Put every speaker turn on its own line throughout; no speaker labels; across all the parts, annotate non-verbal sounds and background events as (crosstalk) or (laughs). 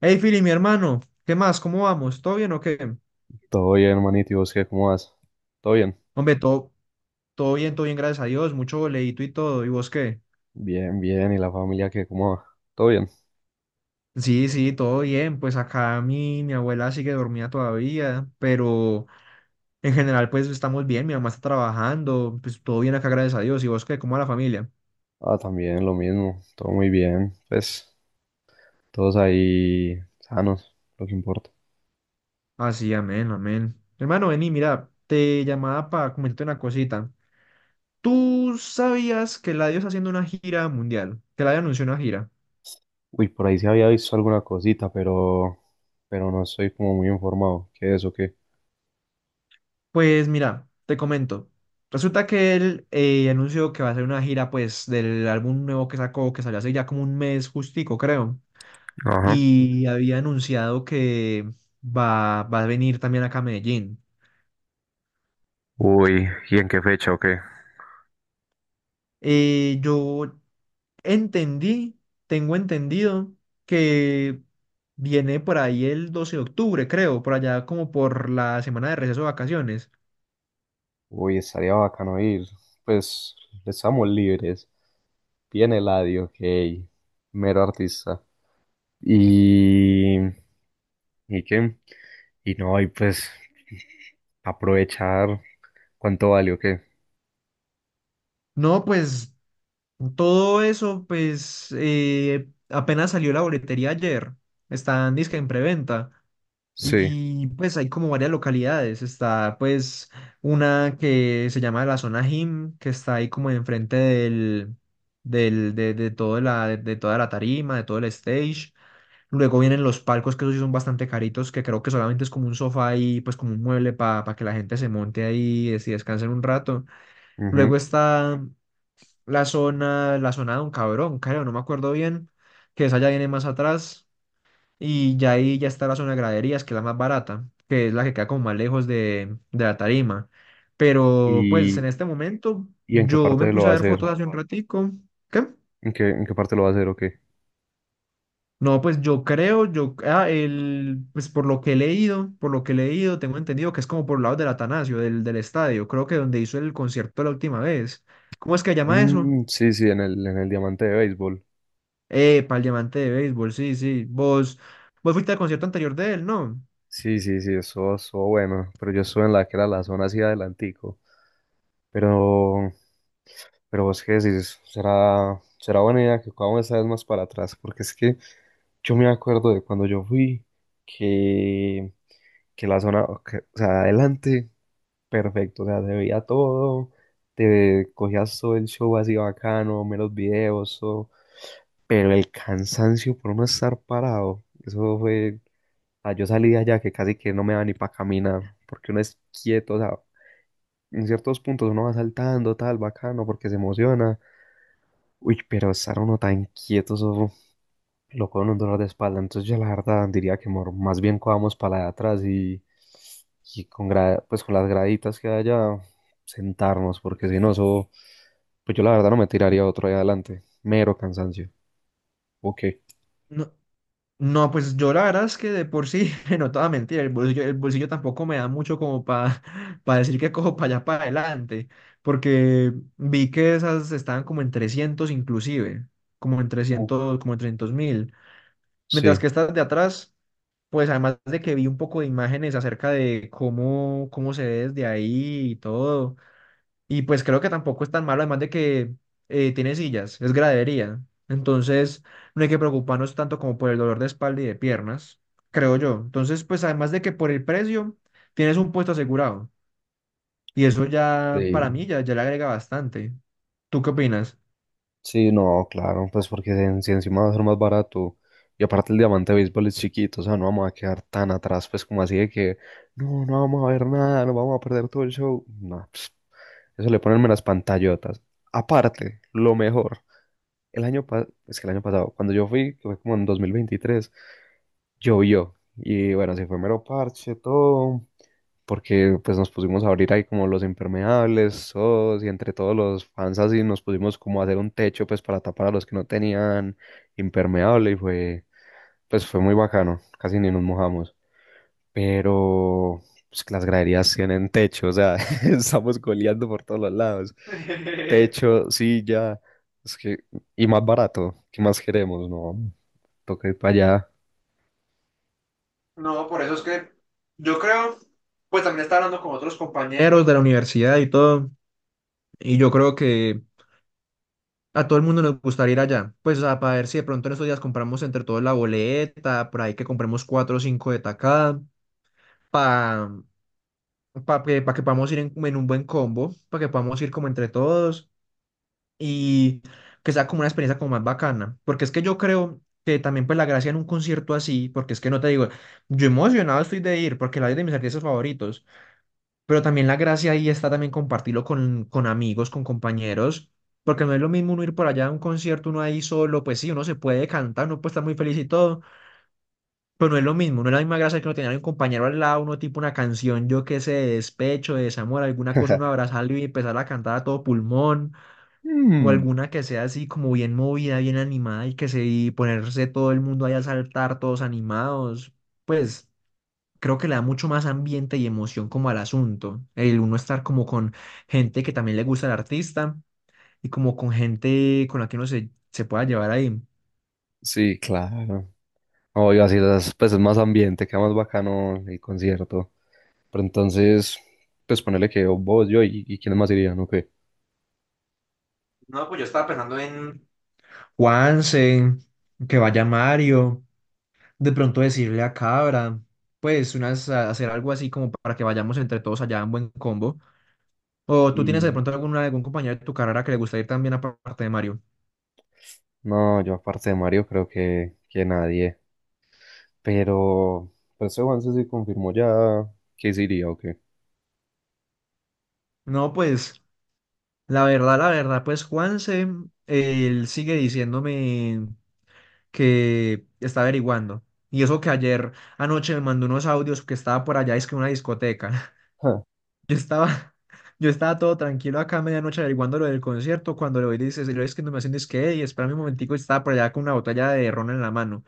Hey, Fili, mi hermano, ¿qué más? ¿Cómo vamos? ¿Todo bien o qué?
Todo bien, hermanito, ¿y vos qué? ¿Cómo vas? ¿Todo bien?
Hombre, todo bien, gracias a Dios, mucho boleíto y todo. ¿Y vos qué?
Bien, bien, ¿y la familia qué? ¿Cómo va? ¿Todo bien?
Sí, sí, todo bien. Pues acá mi abuela sigue dormida todavía, pero en general, pues estamos bien. Mi mamá está trabajando, pues todo bien acá, gracias a Dios. ¿Y vos qué? ¿Cómo va la familia?
Ah, también, lo mismo, todo muy bien, pues, todos ahí sanos, lo que importa.
Así, amén, amén. Hermano, vení, mira, te llamaba para comentarte una cosita. ¿Tú sabías que Eladio está haciendo una gira mundial? Que Eladio anunció una gira.
Uy, por ahí se había visto alguna cosita, pero no estoy como muy informado, ¿qué es o qué?
Pues mira, te comento. Resulta que él anunció que va a hacer una gira pues del álbum nuevo que sacó, que salió hace ya como un mes justico, creo.
Ajá.
Y había anunciado que va a venir también acá a Medellín.
Uy, ¿y en qué fecha o qué?
Eh, yo entendí, tengo entendido que viene por ahí el 12 de octubre, creo, por allá como por la semana de receso de vacaciones.
Uy, estaría bacano ir, pues, estamos libres, viene Eladio, ok, mero artista, y... y que, y no, y pues aprovechar cuánto vale o qué.
No, pues todo eso, pues, apenas salió la boletería ayer. Está en disque en preventa.
Sí.
Y pues hay como varias localidades. Está pues una que se llama la zona gym, que está ahí como enfrente del, del, de, todo la, de toda la tarima, de todo el stage. Luego vienen los palcos, que esos sí son bastante caritos, que creo que solamente es como un sofá y pues como un mueble para que la gente se monte ahí y descanse un rato. Luego
Ujú.
está la zona de un cabrón, creo, no me acuerdo bien, que esa ya viene más atrás y ya ahí ya está la zona de graderías, que es la más barata, que es la que queda como más lejos de la tarima. Pero pues
¿Y,
en este momento
y en qué
yo me
parte lo
puse
va
a
a
ver
hacer?
fotos hace un ratico. ¿Qué?
¿En qué parte lo va a hacer o qué?
No, pues yo creo, yo, ah, el, pues por lo que he leído, tengo entendido que es como por lado del Atanasio, del estadio, creo que donde hizo el concierto la última vez. ¿Cómo es que llama eso?
Mm, sí, sí, en el diamante de béisbol.
Epa, el diamante de béisbol, sí, sí. Vos fuiste al concierto anterior de él, ¿no?
Sí, sí, sí, eso estuvo bueno, pero yo estuve en la que era la zona así adelantico. Pero, pero vos qué decís, será buena idea que cojamos esa vez más para atrás, porque es que yo me acuerdo de cuando yo fui, que, que la zona, o sea, adelante, perfecto, o sea, se veía todo, te cogías todo el show así bacano, menos videos, todo, pero el cansancio por no estar parado, eso fue, o sea, yo salí de allá que casi que no me da ni para caminar, porque uno es quieto, o sea, en ciertos puntos uno va saltando, tal, bacano, porque se emociona. Uy, pero estar uno tan quieto, eso lo con un dolor de espalda. Entonces yo la verdad diría que más bien cojamos para la de atrás y con pues con las graditas que haya sentarnos, porque si no, eso, pues yo la verdad no me tiraría otro ahí adelante. Mero cansancio. Ok.
No, no, pues yo la verdad es que de por sí, (laughs) no toda mentira, el bolsillo tampoco me da mucho como para (laughs) decir que cojo (laughs) para allá para adelante, porque vi que esas estaban como en 300 inclusive, como en
Uf.
300 como en 300 mil,
Sí.
mientras que estas de atrás, pues además de que vi un poco de imágenes acerca de cómo se ve desde ahí y todo. Y pues creo que tampoco es tan malo, además de que tiene sillas, es gradería. Entonces no hay que preocuparnos tanto como por el dolor de espalda y de piernas, creo yo. Entonces, pues además de que por el precio tienes un puesto asegurado. Y eso ya para mí
Sí.
ya le agrega bastante. ¿Tú qué opinas?
Sí, no, claro, pues porque si si encima va a ser más barato y aparte el diamante de béisbol es chiquito, o sea, no vamos a quedar tan atrás, pues como así de que no, no vamos a ver nada, no vamos a perder todo el show. No, pss, eso le ponen las pantallotas. Aparte, lo mejor, el año pasado, es que el año pasado, cuando yo fui, que fue como en 2023, llovió y bueno, se fue mero parche, todo, porque pues nos pusimos a abrir ahí como los impermeables, todos, y entre todos los fans así nos pusimos como a hacer un techo pues para tapar a los que no tenían impermeable y fue, pues fue muy bacano, casi ni nos mojamos, pero pues que las graderías tienen techo, o sea, (laughs) estamos goleando por todos los lados,
(laughs)
techo, silla, es que, y más barato, ¿qué más queremos? No, toca ir para allá.
No, por eso es que yo creo, pues también estaba hablando con otros compañeros. Compañeros de la universidad y todo, y yo creo que a todo el mundo nos gustaría ir allá. Pues, o sea, para ver si de pronto en estos días compramos entre todos la boleta, por ahí que compremos cuatro o cinco de tacada, para que, pa que podamos ir en un buen combo, para que podamos ir como entre todos y que sea como una experiencia como más bacana. Porque es que yo creo que también pues la gracia en un concierto así, porque es que no te digo, yo emocionado estoy de ir, porque la de mis artistas favoritos, pero también la gracia ahí está también compartirlo con amigos, con compañeros, porque no es lo mismo uno ir por allá a un concierto, uno ahí solo, pues sí, uno se puede cantar, uno puede estar muy feliz y todo, pero no es lo mismo, no es la misma gracia que uno tener un compañero al lado, uno tipo una canción, yo qué sé, de despecho, de desamor, alguna cosa, uno
(laughs)
abrazarlo y empezar a cantar a todo pulmón, o
Mm,
alguna que sea así como bien movida, bien animada y que se y ponerse todo el mundo ahí a saltar, todos animados, pues creo que le da mucho más ambiente y emoción como al asunto. El uno estar como con gente que también le gusta el artista y como con gente con la que uno se pueda llevar ahí.
sí, claro. Obvio, así las, pues es más ambiente, queda más bacano el concierto. Pero entonces, pues ponele que vos, yo y quiénes más irían, ¿o qué?
No, pues yo estaba pensando en Juanse, que vaya Mario, de pronto decirle a Cabra, pues hacer algo así como para que vayamos entre todos allá en buen combo. O tú tienes de
Y
pronto algún compañero de tu carrera que le gusta ir también aparte de Mario.
no, yo aparte de Mario creo que nadie. Pero, pues ese Juanse sí confirmó ya que sí iría, ¿o qué?
No, pues la verdad, pues Juanse, él sigue diciéndome que está averiguando. Y eso que ayer anoche me mandó unos audios que estaba por allá, es que en una discoteca. (laughs)
(laughs) Ah.
Yo estaba, yo estaba todo tranquilo acá a medianoche averiguando lo del concierto, cuando lo dices, y lo es que no me hacen es que, y espérame un momentico, y estaba por allá con una botella de ron en la mano.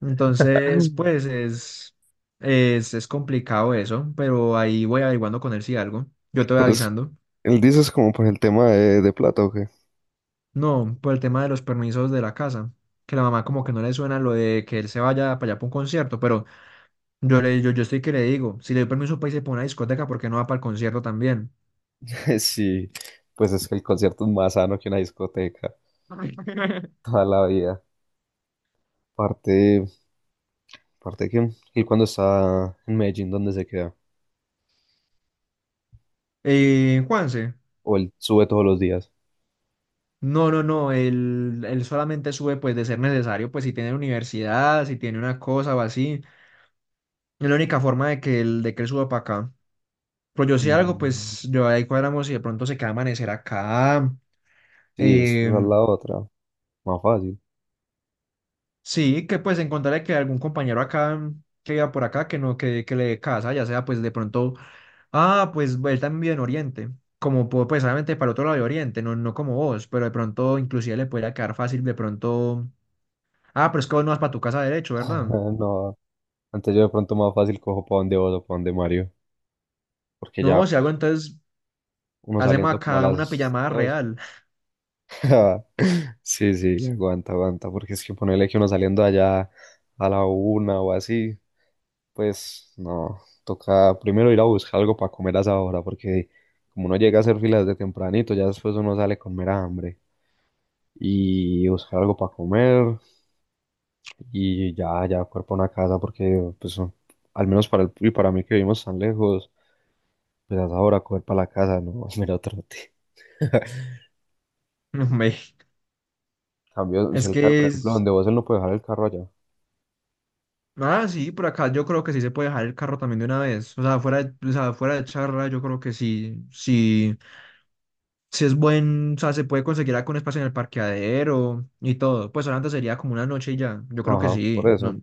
Entonces, pues es complicado eso, pero ahí voy averiguando con él si algo. Yo te voy
Pero es,
avisando.
él dice es como por el tema de plata, ¿o qué?
No, por el tema de los permisos de la casa, que la mamá como que no le suena lo de que él se vaya para allá para un concierto, pero... Yo estoy que le digo, si le doy permiso para irse para una discoteca, ¿por qué no va para el concierto también?
(laughs) Sí, pues es que el concierto es más sano que una discoteca,
(laughs)
toda la vida. Aparte, aparte que, y cuando está en Medellín, ¿dónde se queda?
Juanse,
O él sube todos los días.
no, no, no, él solamente sube pues de ser necesario, pues si tiene universidad, si tiene una cosa o así, es la única forma de que él suba para acá. Pero yo si algo,
Mm,
pues yo ahí cuadramos y de pronto se queda a amanecer acá.
sí, esa
eh,
es la otra. Más fácil.
sí, que pues encontrarle que algún compañero acá que viva por acá, que no, que le dé casa, ya sea pues de pronto. Ah, pues él también vive en Oriente, como pues obviamente para otro lado de Oriente, no, no como vos, pero de pronto inclusive le podría quedar fácil de pronto. Ah, pero es que vos no vas para tu casa derecho, ¿verdad?
(laughs) No, antes yo de pronto más fácil cojo para donde vos o para donde Mario. Porque
No,
ya
si algo
pues,
entonces
uno
hacemos
saliendo como a
acá una
las
pijamada
dos.
real.
(laughs) Sí, sí, aguanta, aguanta. Porque es que ponerle que uno saliendo allá a la una o así, pues no. Toca primero ir a buscar algo para comer a esa hora. Porque como uno llega a hacer filas de tempranito, ya después uno sale con mera hambre. Y buscar algo para comer. Y ya, ya coger para una casa porque, pues, al menos para el, y para mí que vivimos tan lejos, pues hasta ahora coger para la casa, no, (laughs) mira, trote. (laughs)
(laughs) Hombre,
Cambio, si
es
el carro, por
que
ejemplo,
es...
donde vos él no puede dejar el carro allá.
Ah, sí, por acá yo creo que sí se puede dejar el carro también de una vez. O sea, o sea, fuera de charla, yo creo que sí, sí, sí es buen, o sea, se puede conseguir algún espacio en el parqueadero y todo. Pues solamente sería como una noche y ya. Yo creo que
Ajá, por
sí.
eso.
No,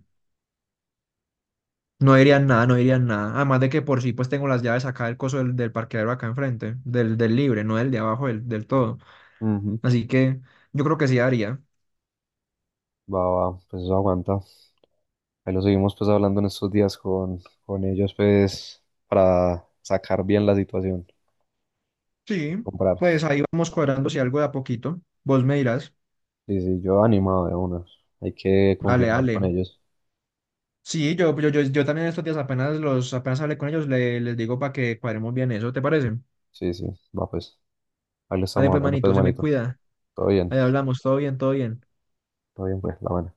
No
Sí,
dirían nada,
sí.
no dirían nada. Además de que por sí, pues tengo las llaves acá del coso del parqueadero acá enfrente, del libre, no del de abajo, del todo.
Ujú.
Así que yo creo que sí haría.
Va, va, pues eso aguanta. Ahí lo seguimos pues hablando en estos días con ellos pues para sacar bien la situación y
Sí,
comprar.
pues ahí vamos cuadrando si algo de a poquito. Vos me dirás,
Sí, sí, yo animado de una. Hay que
dale,
confirmar con
dale.
ellos.
Sí, yo también estos días apenas apenas hablé con ellos, les digo para que cuadremos bien eso, ¿te parece?
Sí, sí, va pues. Ahí lo
Dale,
estamos
pues,
hablando pues
manito, se me
manito.
cuida.
Todo bien.
Ahí hablamos, todo bien, todo bien.
Todo bien, pues, la buena.